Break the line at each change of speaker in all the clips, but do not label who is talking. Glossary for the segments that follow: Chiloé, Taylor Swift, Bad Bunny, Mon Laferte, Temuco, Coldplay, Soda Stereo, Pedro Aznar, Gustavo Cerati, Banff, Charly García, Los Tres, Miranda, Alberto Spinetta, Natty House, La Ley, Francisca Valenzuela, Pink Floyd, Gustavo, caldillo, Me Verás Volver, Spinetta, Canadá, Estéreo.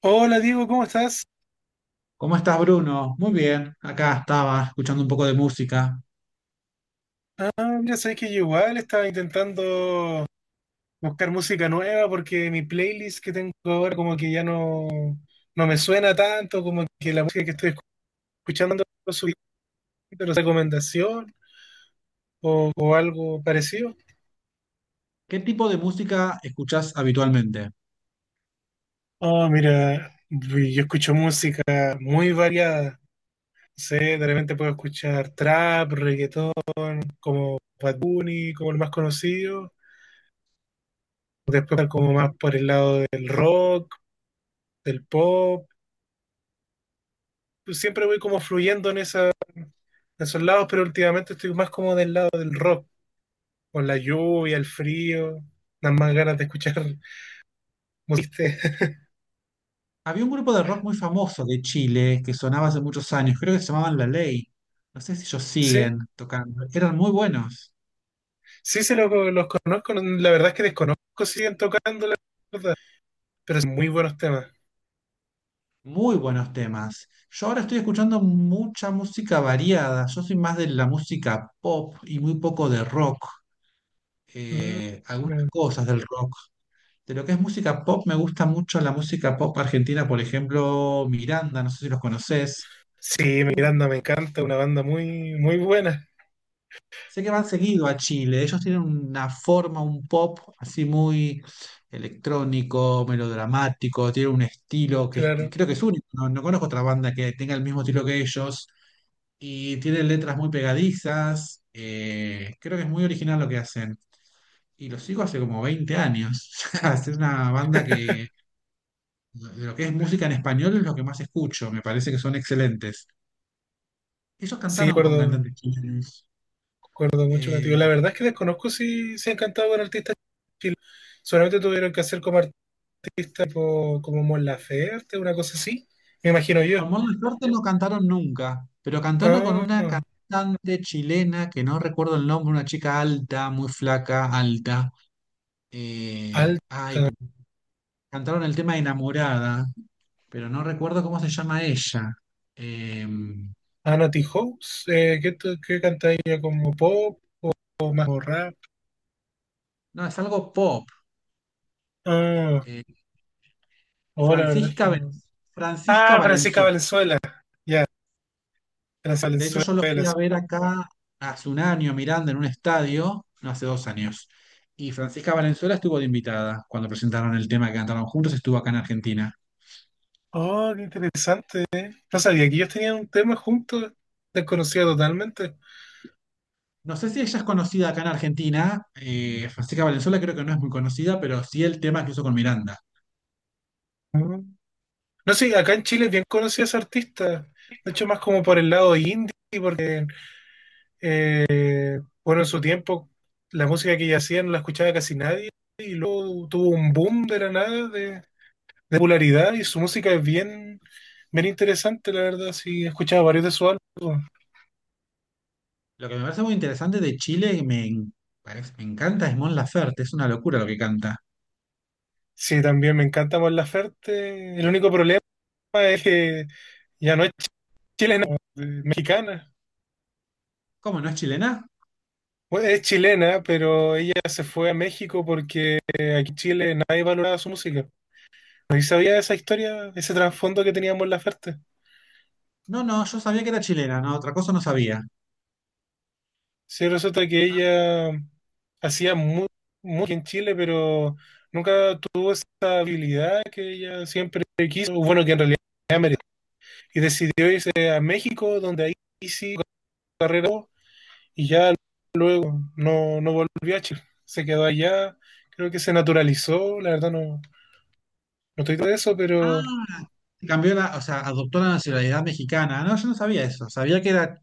Hola Diego, ¿cómo estás?
¿Cómo estás, Bruno? Muy bien, acá estaba escuchando un poco de música.
Ah, mira, sabes que yo igual estaba intentando buscar música nueva porque mi playlist que tengo ahora como que ya no, no me suena tanto, como que la música que estoy escuchando no lo subí, pero recomendación o algo parecido.
¿Qué tipo de música escuchás habitualmente?
Ah, mira, yo escucho música muy variada. No sé, de repente puedo escuchar trap, reggaetón, como Bad Bunny, como el más conocido. Después como más por el lado del rock, del pop. Pues, siempre voy como fluyendo en, esa, en esos lados, pero últimamente estoy más como del lado del rock, con la lluvia, el frío, las más ganas de escuchar música.
Había un grupo de rock muy famoso de Chile que sonaba hace muchos años, creo que se llamaban La Ley. No sé si ellos
Sí,
siguen tocando. Eran muy buenos.
los conozco, la verdad es que desconozco si siguen tocando, la verdad, pero son muy buenos temas.
Muy buenos temas. Yo ahora estoy escuchando mucha música variada. Yo soy más de la música pop y muy poco de rock.
Mm.
Algunas cosas del rock. De lo que es música pop, me gusta mucho la música pop argentina, por ejemplo, Miranda, no sé si los conoces.
Sí,
Sí.
Miranda me encanta, una banda muy, muy buena,
Sé que van seguido a Chile, ellos tienen una forma, un pop así muy electrónico, melodramático, tienen un estilo
claro.
creo que es único, no, no conozco otra banda que tenga el mismo estilo que ellos y tienen letras muy pegadizas, creo que es muy original lo que hacen y los sigo hace como 20 años, o sea, es una banda que. De lo que es música en español es lo que más escucho, me parece que son excelentes. Ellos
Sí,
cantaron con
acuerdo
cantantes chilenos.
acuerdo mucho contigo.
Eh,
La verdad es que desconozco si han cantado con artistas chilenos. Solamente tuvieron que hacer como artistas tipo, como Mon Laferte, una cosa así, me imagino yo.
con Mon Laferte no cantaron nunca, pero cantaron con
Ah,
una cantante chilena que no recuerdo el nombre, una chica alta, muy flaca, alta.
alta.
Ay, pero cantaron el tema Enamorada, pero no recuerdo cómo se llama ella. Eh,
Ah, Natty House, ¿qué, qué canta ella? ¿Como pop o más como rap?
no, es algo pop.
Ah,
Eh,
oh, la verdad es que
Francisca,
no.
Francisca
Ah, Francisca
Valenzuela.
Valenzuela. Ya,
De hecho,
Francisca
yo lo
Valenzuela.
fui a
Sí.
ver acá hace un año, Miranda, en un estadio, no hace 2 años. Y Francisca Valenzuela estuvo de invitada cuando presentaron el tema que cantaron juntos, estuvo acá en Argentina.
Oh, qué interesante. No sabía que ellos tenían un tema juntos, desconocida totalmente.
No sé si ella es conocida acá en Argentina. Francisca Valenzuela creo que no es muy conocida, pero sí el tema que hizo con Miranda.
Mm. No sé, acá en Chile es bien conocida esa artista. De hecho, más como por el lado indie. Bueno, en su tiempo la música que ella hacía no la escuchaba casi nadie y luego tuvo un boom de la nada de popularidad y su música es bien, bien interesante, la verdad. Sí, he escuchado varios de sus álbumes.
Lo que me parece muy interesante de Chile y me encanta es Mon Laferte, es una locura lo que canta.
Sí, también me encanta Mon Laferte. El único problema es que ya no es chilena, es mexicana.
¿Cómo no es chilena?
Bueno, es chilena, pero ella se fue a México porque aquí en Chile nadie valoraba su música. ¿No sabía esa historia, ese trasfondo que tenía Mon Laferte?
No, no, yo sabía que era chilena, no, otra cosa no sabía.
Sí, resulta que ella hacía muy, muy en Chile, pero nunca tuvo esa habilidad que ella siempre quiso, o bueno, que en realidad merecía, y decidió irse a México, donde ahí sí su carrera y ya no, no volvió a Chile. Se quedó allá, creo que se naturalizó, la verdad no, no estoy todo de eso, pero
Cambió la, o sea, adoptó la nacionalidad mexicana. No, yo no sabía eso. Sabía que era,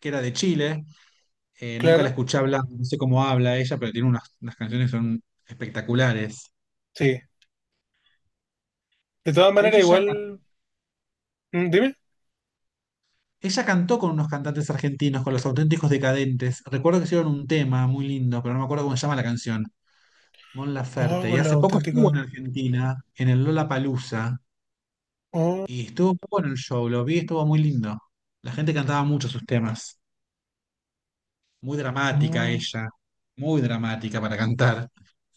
que era de Chile. Nunca la
claro,
escuché hablar. No sé cómo habla ella, pero tiene unas canciones que son espectaculares.
sí. De todas
De
maneras,
hecho,
igual, dime.
ella cantó con unos cantantes argentinos, con los auténticos decadentes. Recuerdo que hicieron un tema muy lindo, pero no me acuerdo cómo se llama la canción. Mon
Oh,
Laferte. Y
con la
hace poco estuvo en
auténtica.
Argentina, en el Lollapalooza.
Oh,
Y estuvo muy bueno el show. Lo vi, estuvo muy lindo. La gente cantaba mucho sus temas. Muy dramática
oh.
ella. Muy dramática para cantar.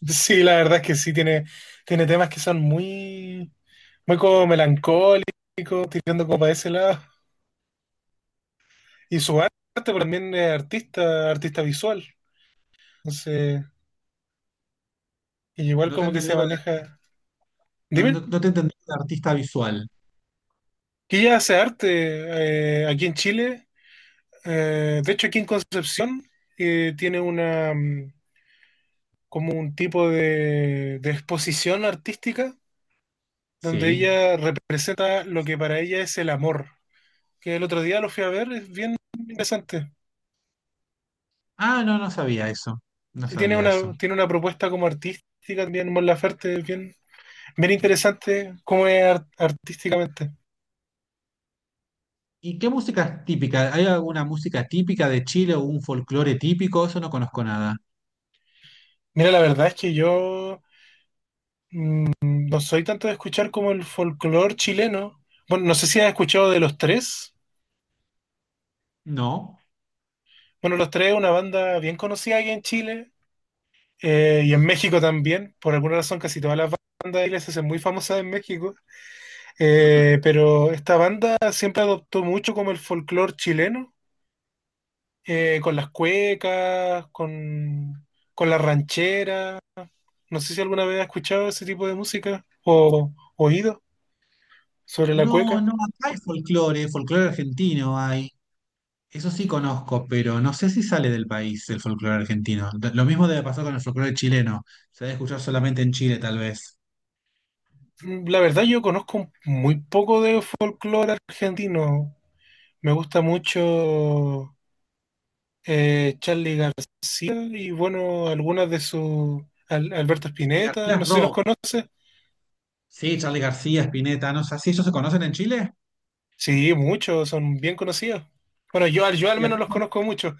Sí, la verdad es que sí, tiene, tiene temas que son muy, muy como melancólicos, tirando como para ese lado. Y su arte pero también es artista, artista visual. Entonces, y igual
No te
como que
entendí
se
lo de-
maneja.
no,
Dime,
no- No te entendí lo de artista visual.
que ella hace arte aquí en Chile. De hecho, aquí en Concepción tiene una como un tipo de exposición artística donde
Sí.
ella representa lo que para ella es el amor. Que el otro día lo fui a ver, es bien interesante.
Ah, no, no sabía eso. No
Sí,
sabía eso.
tiene una propuesta como artística también, Mon Laferte, bien, bien interesante cómo es artísticamente.
¿Y qué música es típica? ¿Hay alguna música típica de Chile o un folclore típico? Eso no conozco nada.
Mira, la verdad es que yo no soy tanto de escuchar como el folclore chileno. Bueno, no sé si has escuchado de Los Tres.
No.
Bueno, Los Tres es una banda bien conocida aquí en Chile y en México también. Por alguna razón, casi todas las bandas de iglesias son muy famosas en México. Pero esta banda siempre adoptó mucho como el folclore chileno con las cuecas, con las rancheras. No sé si alguna vez has escuchado ese tipo de música o oído sobre la
No,
cueca.
no, acá hay folclore, folclore argentino hay. Eso sí conozco, pero no sé si sale del país el folclore argentino. Lo mismo debe pasar con el folclore chileno. Se debe escuchar solamente en Chile, tal vez.
Mm, la verdad yo conozco muy poco de folclore argentino. Me gusta mucho Charly García y bueno, algunas de sus... Alberto
Charly García
Spinetta, no
es
sé si los
rock.
conoces.
Sí, Charly García, Spinetta, no sé, ¿sí ellos se conocen en Chile?
Sí, muchos, son bien conocidos. Bueno, yo, yo al
Y acá
menos los
no.
conozco mucho.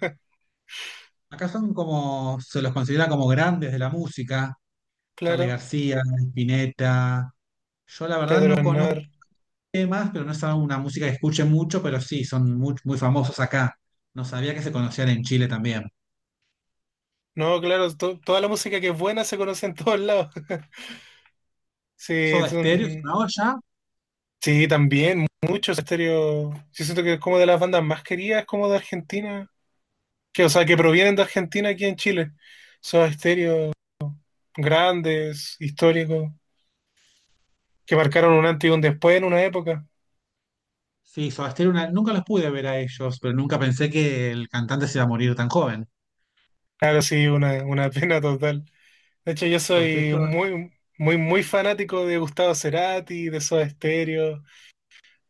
Acá son como, se los considera como grandes de la música, Charly
Claro,
García, Spinetta. Yo la verdad
Pedro
no conozco
Aznar.
temas, pero no es una música que escuche mucho, pero sí, son muy, muy famosos acá. No sabía que se conocían en Chile también.
No, claro, toda la música que es buena se conoce en todos lados. Sí,
Soda
es un-
Stereo, una olla.
sí, también, muchos Estéreo. Yo siento que es como de las bandas más queridas, como de Argentina. Que, o sea, que provienen de Argentina aquí en Chile. Son Estéreo grandes, históricos, que marcaron un antes y un después en una época.
Sí, Soda Stereo, nunca los pude ver a ellos, pero nunca pensé que el cantante se iba a morir tan joven.
Claro, sí, una pena total. De hecho, yo
Porque
soy
ellos.
muy, muy, muy fanático de Gustavo Cerati, de Soda Stereo,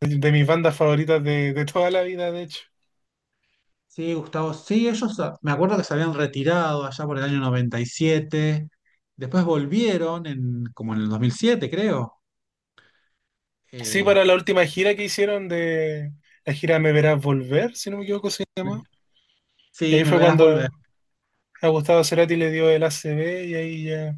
de mis bandas favoritas de toda la vida, de hecho.
Sí, Gustavo, sí, ellos, me acuerdo que se habían retirado allá por el año 97. Después volvieron como en el 2007, creo.
Sí,
Eh,
para la última gira que hicieron de la gira Me Verás Volver, si no me equivoco, se llama. Y
sí,
ahí
me
fue
verás
cuando
volver.
a Gustavo Cerati le dio el ACV y ahí ya.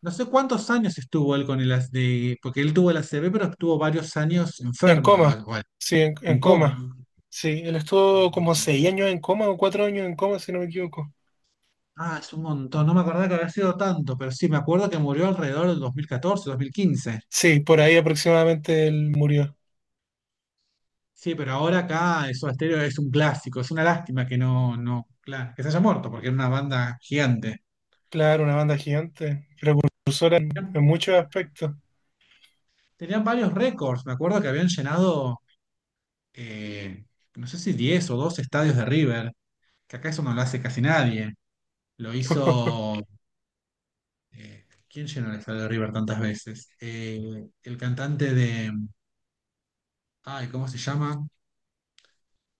No sé cuántos años estuvo él con el, as- de, porque él tuvo el ACV, pero estuvo varios años
En
enfermo, o
coma,
algo, bueno,
sí,
en
en coma.
coma.
Sí, él estuvo como
Eh,
6 años en coma o 4 años en coma, si no me equivoco.
Es un montón, no me acordaba que había sido tanto, pero sí, me acuerdo que murió alrededor del dos mil catorce, 2015.
Sí, por ahí aproximadamente él murió.
Sí, pero ahora acá Soda Stereo es un clásico. Es una lástima que no, no, claro, que se haya muerto, porque era una banda gigante.
Claro, una banda gigante, precursora en muchos aspectos.
Tenían varios récords. Me acuerdo que habían llenado, eh, no sé si 10 o 12 estadios de River, que acá eso no lo hace casi nadie. Lo hizo. ¿Quién llenó el estadio de River tantas veces? El cantante de. Ay, ¿cómo se llama?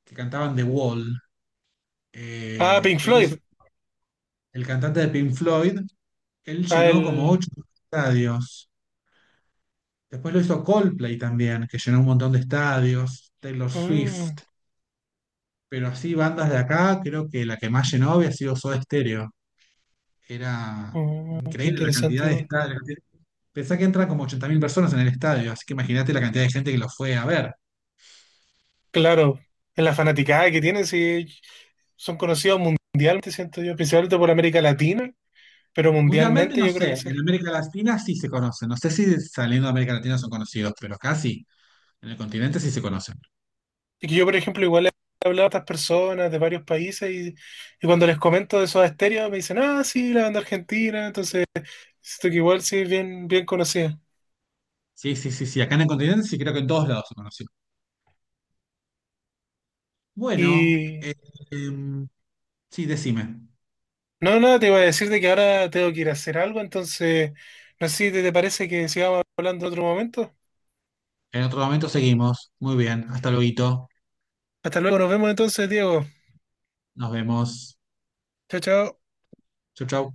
Que cantaban The Wall.
Ah,
Eh,
Pink
él hizo-
Floyd.
el cantante de Pink Floyd, él
Ah,
llenó como
el.
8 estadios. Después lo hizo Coldplay también, que llenó un montón de estadios, Taylor Swift,
Mm,
pero así bandas de acá, creo que la que más llenó había sido Soda Stereo. Era
qué
increíble la
interesante.
cantidad de estadios. Pensá que entran como 80.000 personas en el estadio, así que imagínate la cantidad de gente que lo fue a ver.
Claro, en la fanaticada que tienen, sí, son conocidos mundialmente, siento yo, principalmente por América Latina, pero
Mundialmente
mundialmente
no
yo creo que
sé,
sí.
en América Latina sí se conocen, no sé si saliendo de América Latina son conocidos, pero acá sí en el continente sí se conocen.
Y que yo, por ejemplo, igual he hablado a estas personas de varios países y cuando les comento de esos estéreos me dicen, ah, sí, la banda argentina, entonces siento que igual sí es bien, bien conocida.
Sí, sí, sí, sí, acá en el continente sí creo que en todos lados se conocen. Bueno,
Y
em, sí, decime.
no, nada, te iba a decir de que ahora tengo que ir a hacer algo, entonces no sé si te parece que sigamos hablando en otro momento.
En otro momento seguimos. Muy bien. Hasta luego.
Hasta luego, nos vemos entonces, Diego.
Nos vemos.
Chao, chao.
Chau, chau.